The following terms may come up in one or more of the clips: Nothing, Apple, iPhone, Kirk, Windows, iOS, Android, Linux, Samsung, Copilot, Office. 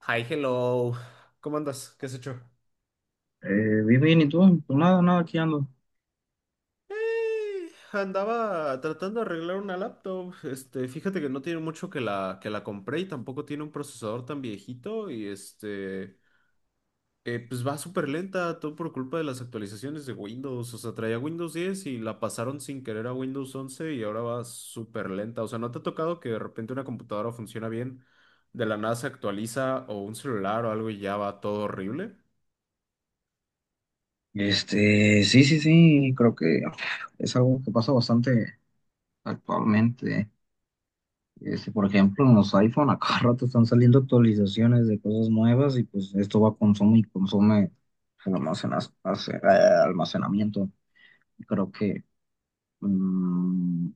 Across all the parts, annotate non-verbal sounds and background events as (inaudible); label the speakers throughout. Speaker 1: Hi, hello. ¿Cómo andas? ¿Qué has hecho?
Speaker 2: Eh, bien, bien, ¿y tú? Pues nada, nada, aquí ando.
Speaker 1: Andaba tratando de arreglar una laptop. Fíjate que no tiene mucho que la compré y tampoco tiene un procesador tan viejito. Y pues va súper lenta, todo por culpa de las actualizaciones de Windows. O sea, traía Windows 10 y la pasaron sin querer a Windows 11 y ahora va súper lenta. O sea, ¿no te ha tocado que de repente una computadora funciona bien, de la nada se actualiza o un celular o algo y ya va todo horrible?
Speaker 2: Sí, sí, sí, creo que es algo que pasa bastante actualmente. Este, por ejemplo, en los iPhone a cada (laughs) rato están saliendo actualizaciones de cosas nuevas y pues esto va a consume y consume el almacenamiento. Creo que mm,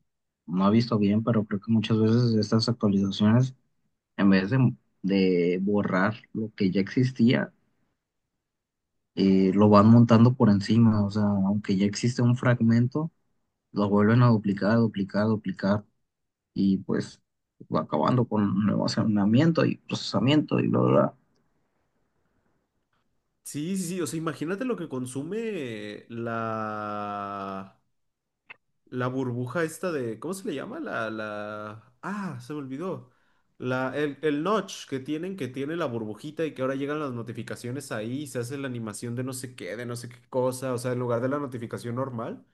Speaker 2: no he visto bien, pero creo que muchas veces estas actualizaciones, en vez de borrar lo que ya existía, lo van montando por encima, o sea, aunque ya existe un fragmento, lo vuelven a duplicar, duplicar, duplicar, y pues va acabando con nuevo almacenamiento y procesamiento y bla, bla, bla.
Speaker 1: Sí, sí, sí, o sea, imagínate lo que consume la burbuja esta de, ¿cómo se le llama? Se me olvidó. El notch que tienen, que tiene la burbujita y que ahora llegan las notificaciones ahí, se hace la animación de no sé qué, de no sé qué cosa, o sea, en lugar de la notificación normal.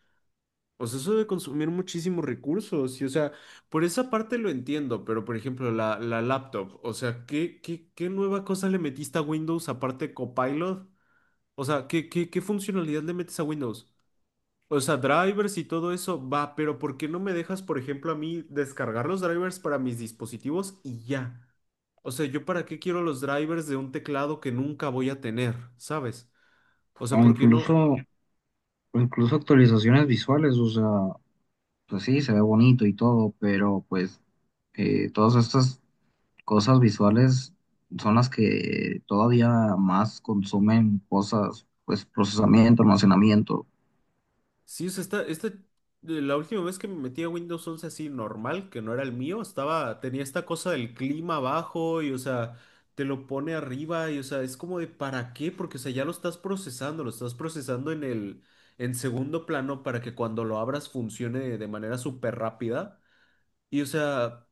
Speaker 1: O sea, eso debe consumir muchísimos recursos y, o sea, por esa parte lo entiendo, pero por ejemplo, la laptop, o sea, ¿qué nueva cosa le metiste a Windows aparte de Copilot? O sea, ¿qué funcionalidad le metes a Windows? O sea, drivers y todo eso, va, pero ¿por qué no me dejas, por ejemplo, a mí descargar los drivers para mis dispositivos y ya? O sea, ¿yo para qué quiero los drivers de un teclado que nunca voy a tener? ¿Sabes? O
Speaker 2: O
Speaker 1: sea, ¿por qué
Speaker 2: incluso,
Speaker 1: no?
Speaker 2: o incluso actualizaciones visuales, o sea, pues sí, se ve bonito y todo, pero pues todas estas cosas visuales son las que todavía más consumen cosas, pues procesamiento, almacenamiento.
Speaker 1: Sí, o sea, la última vez que me metí a Windows 11 así normal, que no era el mío, estaba, tenía esta cosa del clima abajo y, o sea, te lo pone arriba y, o sea, es como de ¿para qué? Porque, o sea, ya lo estás procesando en el, en segundo plano para que cuando lo abras funcione de manera súper rápida. Y, o sea,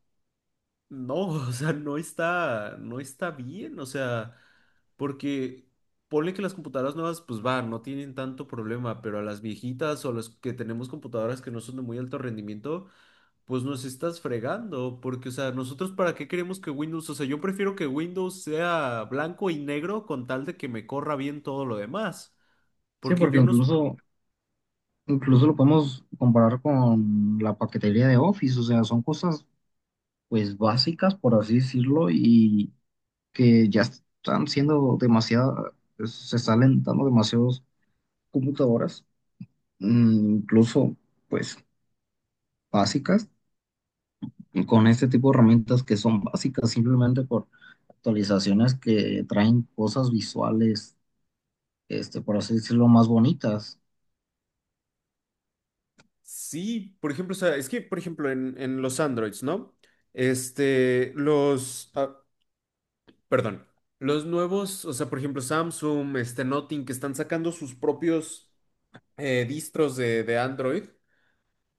Speaker 1: no, (laughs) o sea, no está bien, o sea, porque ponle que las computadoras nuevas, pues van, no tienen tanto problema, pero a las viejitas o a las que tenemos computadoras que no son de muy alto rendimiento, pues nos estás fregando, porque, o sea, nosotros para qué queremos que Windows, o sea, yo prefiero que Windows sea blanco y negro con tal de que me corra bien todo lo demás,
Speaker 2: Sí,
Speaker 1: porque
Speaker 2: porque
Speaker 1: yo no,
Speaker 2: incluso lo podemos comparar con la paquetería de Office, o sea, son cosas pues básicas, por así decirlo, y que ya están siendo demasiado, se están alentando demasiadas computadoras, incluso pues básicas, y con este tipo de herramientas que son básicas simplemente por actualizaciones que traen cosas visuales, este, por así decirlo, más bonitas.
Speaker 1: sí, por ejemplo, o sea, es que, por ejemplo, en los Androids, ¿no? Este, los... ah, Perdón. Los nuevos, o sea, por ejemplo, Samsung, este Nothing, que están sacando sus propios distros de Android,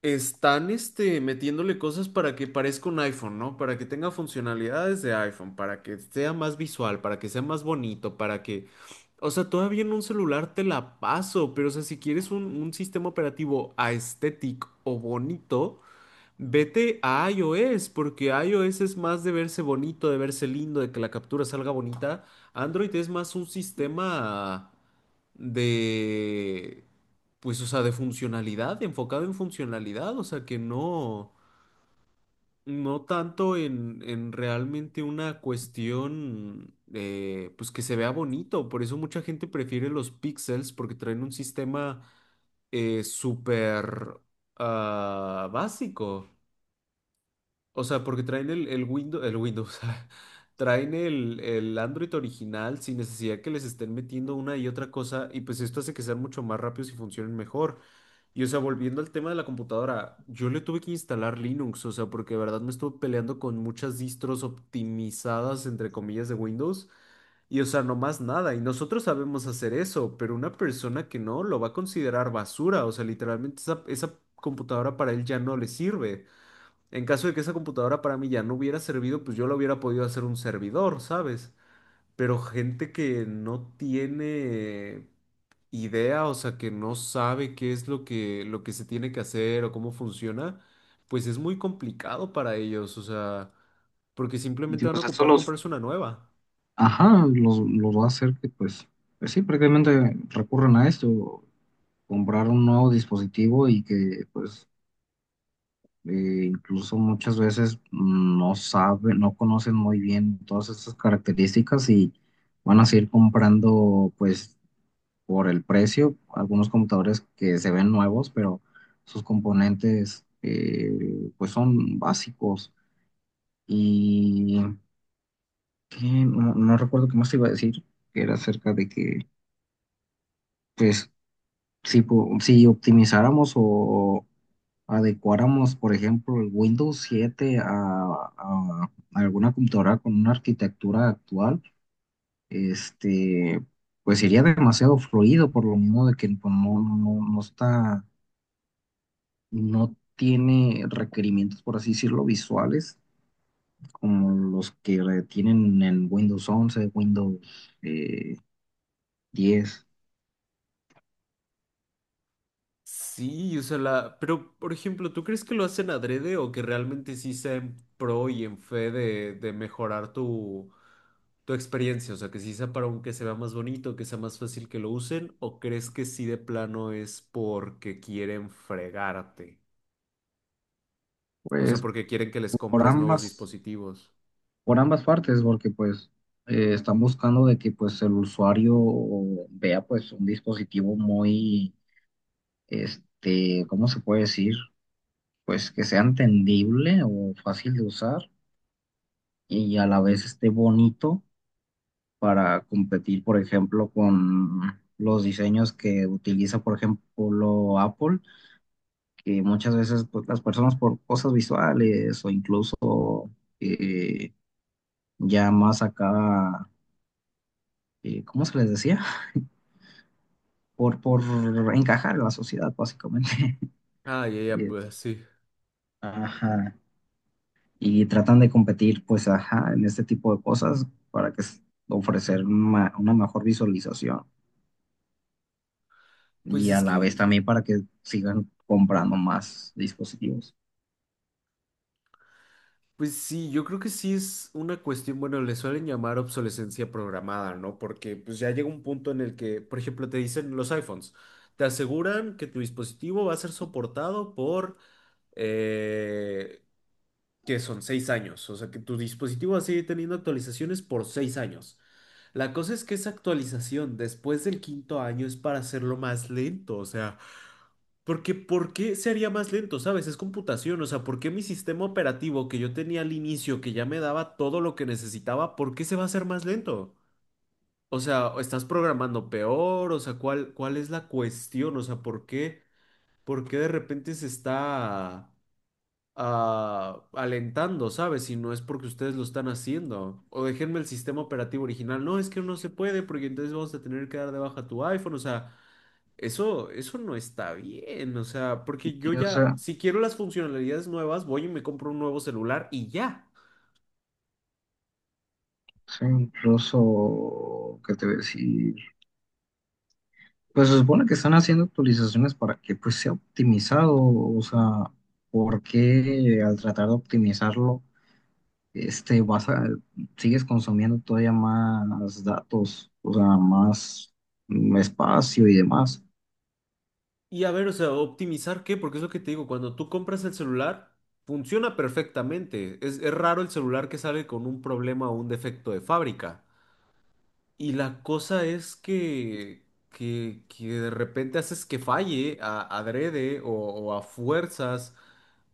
Speaker 1: están metiéndole cosas para que parezca un iPhone, ¿no? Para que tenga funcionalidades de iPhone, para que sea más visual, para que sea más bonito, para que... O sea, todavía en un celular te la paso, pero o sea, si quieres un sistema operativo aesthetic o bonito, vete a iOS, porque iOS es más de verse bonito, de verse lindo, de que la captura salga bonita. Android es más un sistema de, pues, o sea, de funcionalidad, enfocado en funcionalidad, o sea, que no, no tanto en realmente una cuestión, pues, que se vea bonito. Por eso mucha gente prefiere los pixels, porque traen un sistema súper básico. O sea, porque traen el Windows, (laughs) traen el Android original sin necesidad que les estén metiendo una y otra cosa, y pues esto hace que sean mucho más rápidos y funcionen mejor. Y o sea, volviendo al tema de la computadora, yo le tuve que instalar Linux, o sea, porque de verdad me estuve peleando con muchas distros optimizadas, entre comillas, de Windows, y o sea, no más nada, y nosotros sabemos hacer eso, pero una persona que no lo va a considerar basura, o sea, literalmente esa computadora para él ya no le sirve. En caso de que esa computadora para mí ya no hubiera servido, pues yo la hubiera podido hacer un servidor, ¿sabes? Pero gente que no tiene idea, o sea, que no sabe qué es lo que se tiene que hacer o cómo funciona, pues es muy complicado para ellos, o sea, porque simplemente
Speaker 2: Digo, o
Speaker 1: van a
Speaker 2: sea, esto
Speaker 1: ocupar
Speaker 2: lo
Speaker 1: comprarse una nueva.
Speaker 2: ajá, los va a hacer que pues, pues sí, prácticamente recurren a esto, comprar un nuevo dispositivo y que pues incluso muchas veces no saben, no conocen muy bien todas estas características y van a seguir comprando pues por el precio algunos computadores que se ven nuevos, pero sus componentes pues son básicos y que no, no recuerdo qué más te iba a decir, que era acerca de que pues si, si optimizáramos o adecuáramos, por ejemplo, el Windows 7 a alguna computadora con una arquitectura actual, este, pues sería demasiado fluido por lo mismo de que pues, no, no, no está, no tiene requerimientos, por así decirlo, visuales como los que tienen en Windows 11 Windows eh, 10.
Speaker 1: Sí, o sea, Pero, por ejemplo, ¿tú crees que lo hacen adrede o que realmente sí sea en pro y en fe de mejorar tu experiencia? O sea, que sí sea para un que se vea más bonito, que sea más fácil que lo usen, ¿o crees que sí de plano es porque quieren fregarte? O sea,
Speaker 2: Pues
Speaker 1: porque quieren que les
Speaker 2: por
Speaker 1: compres nuevos
Speaker 2: ambas.
Speaker 1: dispositivos.
Speaker 2: Por ambas partes, porque pues están buscando de que pues el usuario vea pues un dispositivo muy, este, ¿cómo se puede decir? Pues que sea entendible o fácil de usar y a la vez esté bonito para competir, por ejemplo, con los diseños que utiliza, por ejemplo, Apple, que muchas veces pues, las personas por cosas visuales o incluso eh, ya más acá, ¿cómo se les decía? Por encajar en la sociedad, básicamente.
Speaker 1: Ya,
Speaker 2: (laughs)
Speaker 1: ya,
Speaker 2: Y,
Speaker 1: pues sí.
Speaker 2: ajá, y tratan de competir, pues, ajá, en este tipo de cosas para ofrecer una mejor visualización
Speaker 1: Pues
Speaker 2: y a
Speaker 1: es
Speaker 2: la vez
Speaker 1: que
Speaker 2: también para que sigan comprando más dispositivos.
Speaker 1: pues sí, yo creo que sí es una cuestión, bueno, le suelen llamar obsolescencia programada, ¿no? Porque pues ya llega un punto en el que, por ejemplo, te dicen los iPhones, te aseguran que tu dispositivo va a ser soportado por, eh, que son 6 años, o sea, que tu dispositivo va a seguir teniendo actualizaciones por 6 años. La cosa es que esa actualización después del quinto año es para hacerlo más lento, o sea... porque, ¿por qué se haría más lento, sabes? Es computación, o sea, ¿por qué mi sistema operativo que yo tenía al inicio, que ya me daba todo lo que necesitaba, ¿por qué se va a hacer más lento? O sea, ¿o ¿estás programando peor? O sea, ¿cuál es la cuestión? O sea, ¿por qué de repente se está alentando, sabes? Si no es porque ustedes lo están haciendo. O déjenme el sistema operativo original. No, es que no se puede, porque entonces vamos a tener que dar de baja tu iPhone, o sea. Eso no está bien, o sea, porque yo
Speaker 2: Sí, o
Speaker 1: ya,
Speaker 2: sea,
Speaker 1: si quiero las funcionalidades nuevas, voy y me compro un nuevo celular y ya.
Speaker 2: sí, incluso, ¿qué te voy a decir? Pues se supone que están haciendo actualizaciones para que pues sea optimizado, o sea, ¿por qué al tratar de optimizarlo vas a, sigues consumiendo todavía más datos, o sea, más espacio y demás.
Speaker 1: Y a ver, o sea, optimizar qué, porque es lo que te digo, cuando tú compras el celular, funciona perfectamente. Es raro el celular que sale con un problema o un defecto de fábrica. Y la cosa es que, que de repente haces que falle adrede o a fuerzas.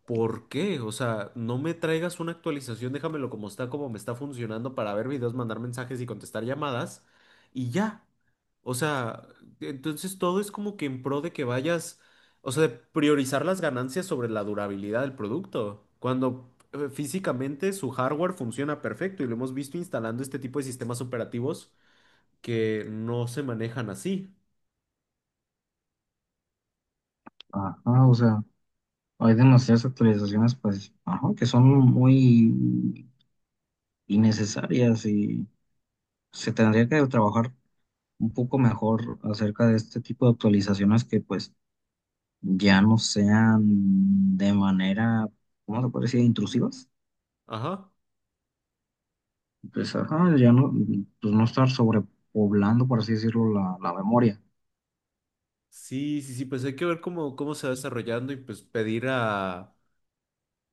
Speaker 1: ¿Por qué? O sea, no me traigas una actualización, déjamelo como está, como me está funcionando para ver videos, mandar mensajes y contestar llamadas y ya. O sea, entonces todo es como que en pro de que vayas, o sea, de priorizar las ganancias sobre la durabilidad del producto, cuando físicamente su hardware funciona perfecto y lo hemos visto instalando este tipo de sistemas operativos que no se manejan así.
Speaker 2: Ajá, o sea, hay demasiadas actualizaciones, pues, ajá, que son muy innecesarias y se tendría que trabajar un poco mejor acerca de este tipo de actualizaciones que, pues, ya no sean de manera, ¿cómo se puede decir?, intrusivas.
Speaker 1: Ajá.
Speaker 2: Pues, ajá, ya no, pues no estar sobrepoblando, por así decirlo, la memoria.
Speaker 1: Sí, sí, sí, pues hay que ver cómo se va desarrollando y pues pedir a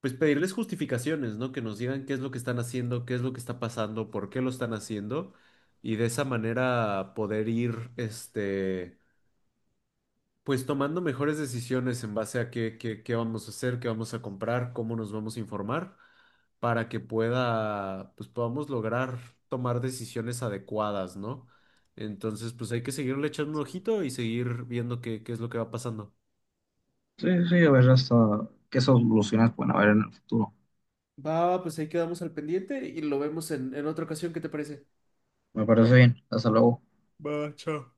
Speaker 1: pues pedirles justificaciones, ¿no? Que nos digan qué es lo que están haciendo, qué es lo que está pasando, por qué lo están haciendo y de esa manera poder ir, este, pues tomando mejores decisiones en base a qué vamos a hacer, qué vamos a comprar, cómo nos vamos a informar para que pueda, pues podamos lograr tomar decisiones adecuadas, ¿no? Entonces, pues hay que seguirle echando un ojito y seguir viendo qué es lo que va pasando.
Speaker 2: Sí, sí, a ver hasta qué soluciones pueden haber en el futuro.
Speaker 1: Va, pues ahí quedamos al pendiente y lo vemos en otra ocasión, ¿qué te parece?
Speaker 2: Me parece bien. Hasta luego.
Speaker 1: Va, chao.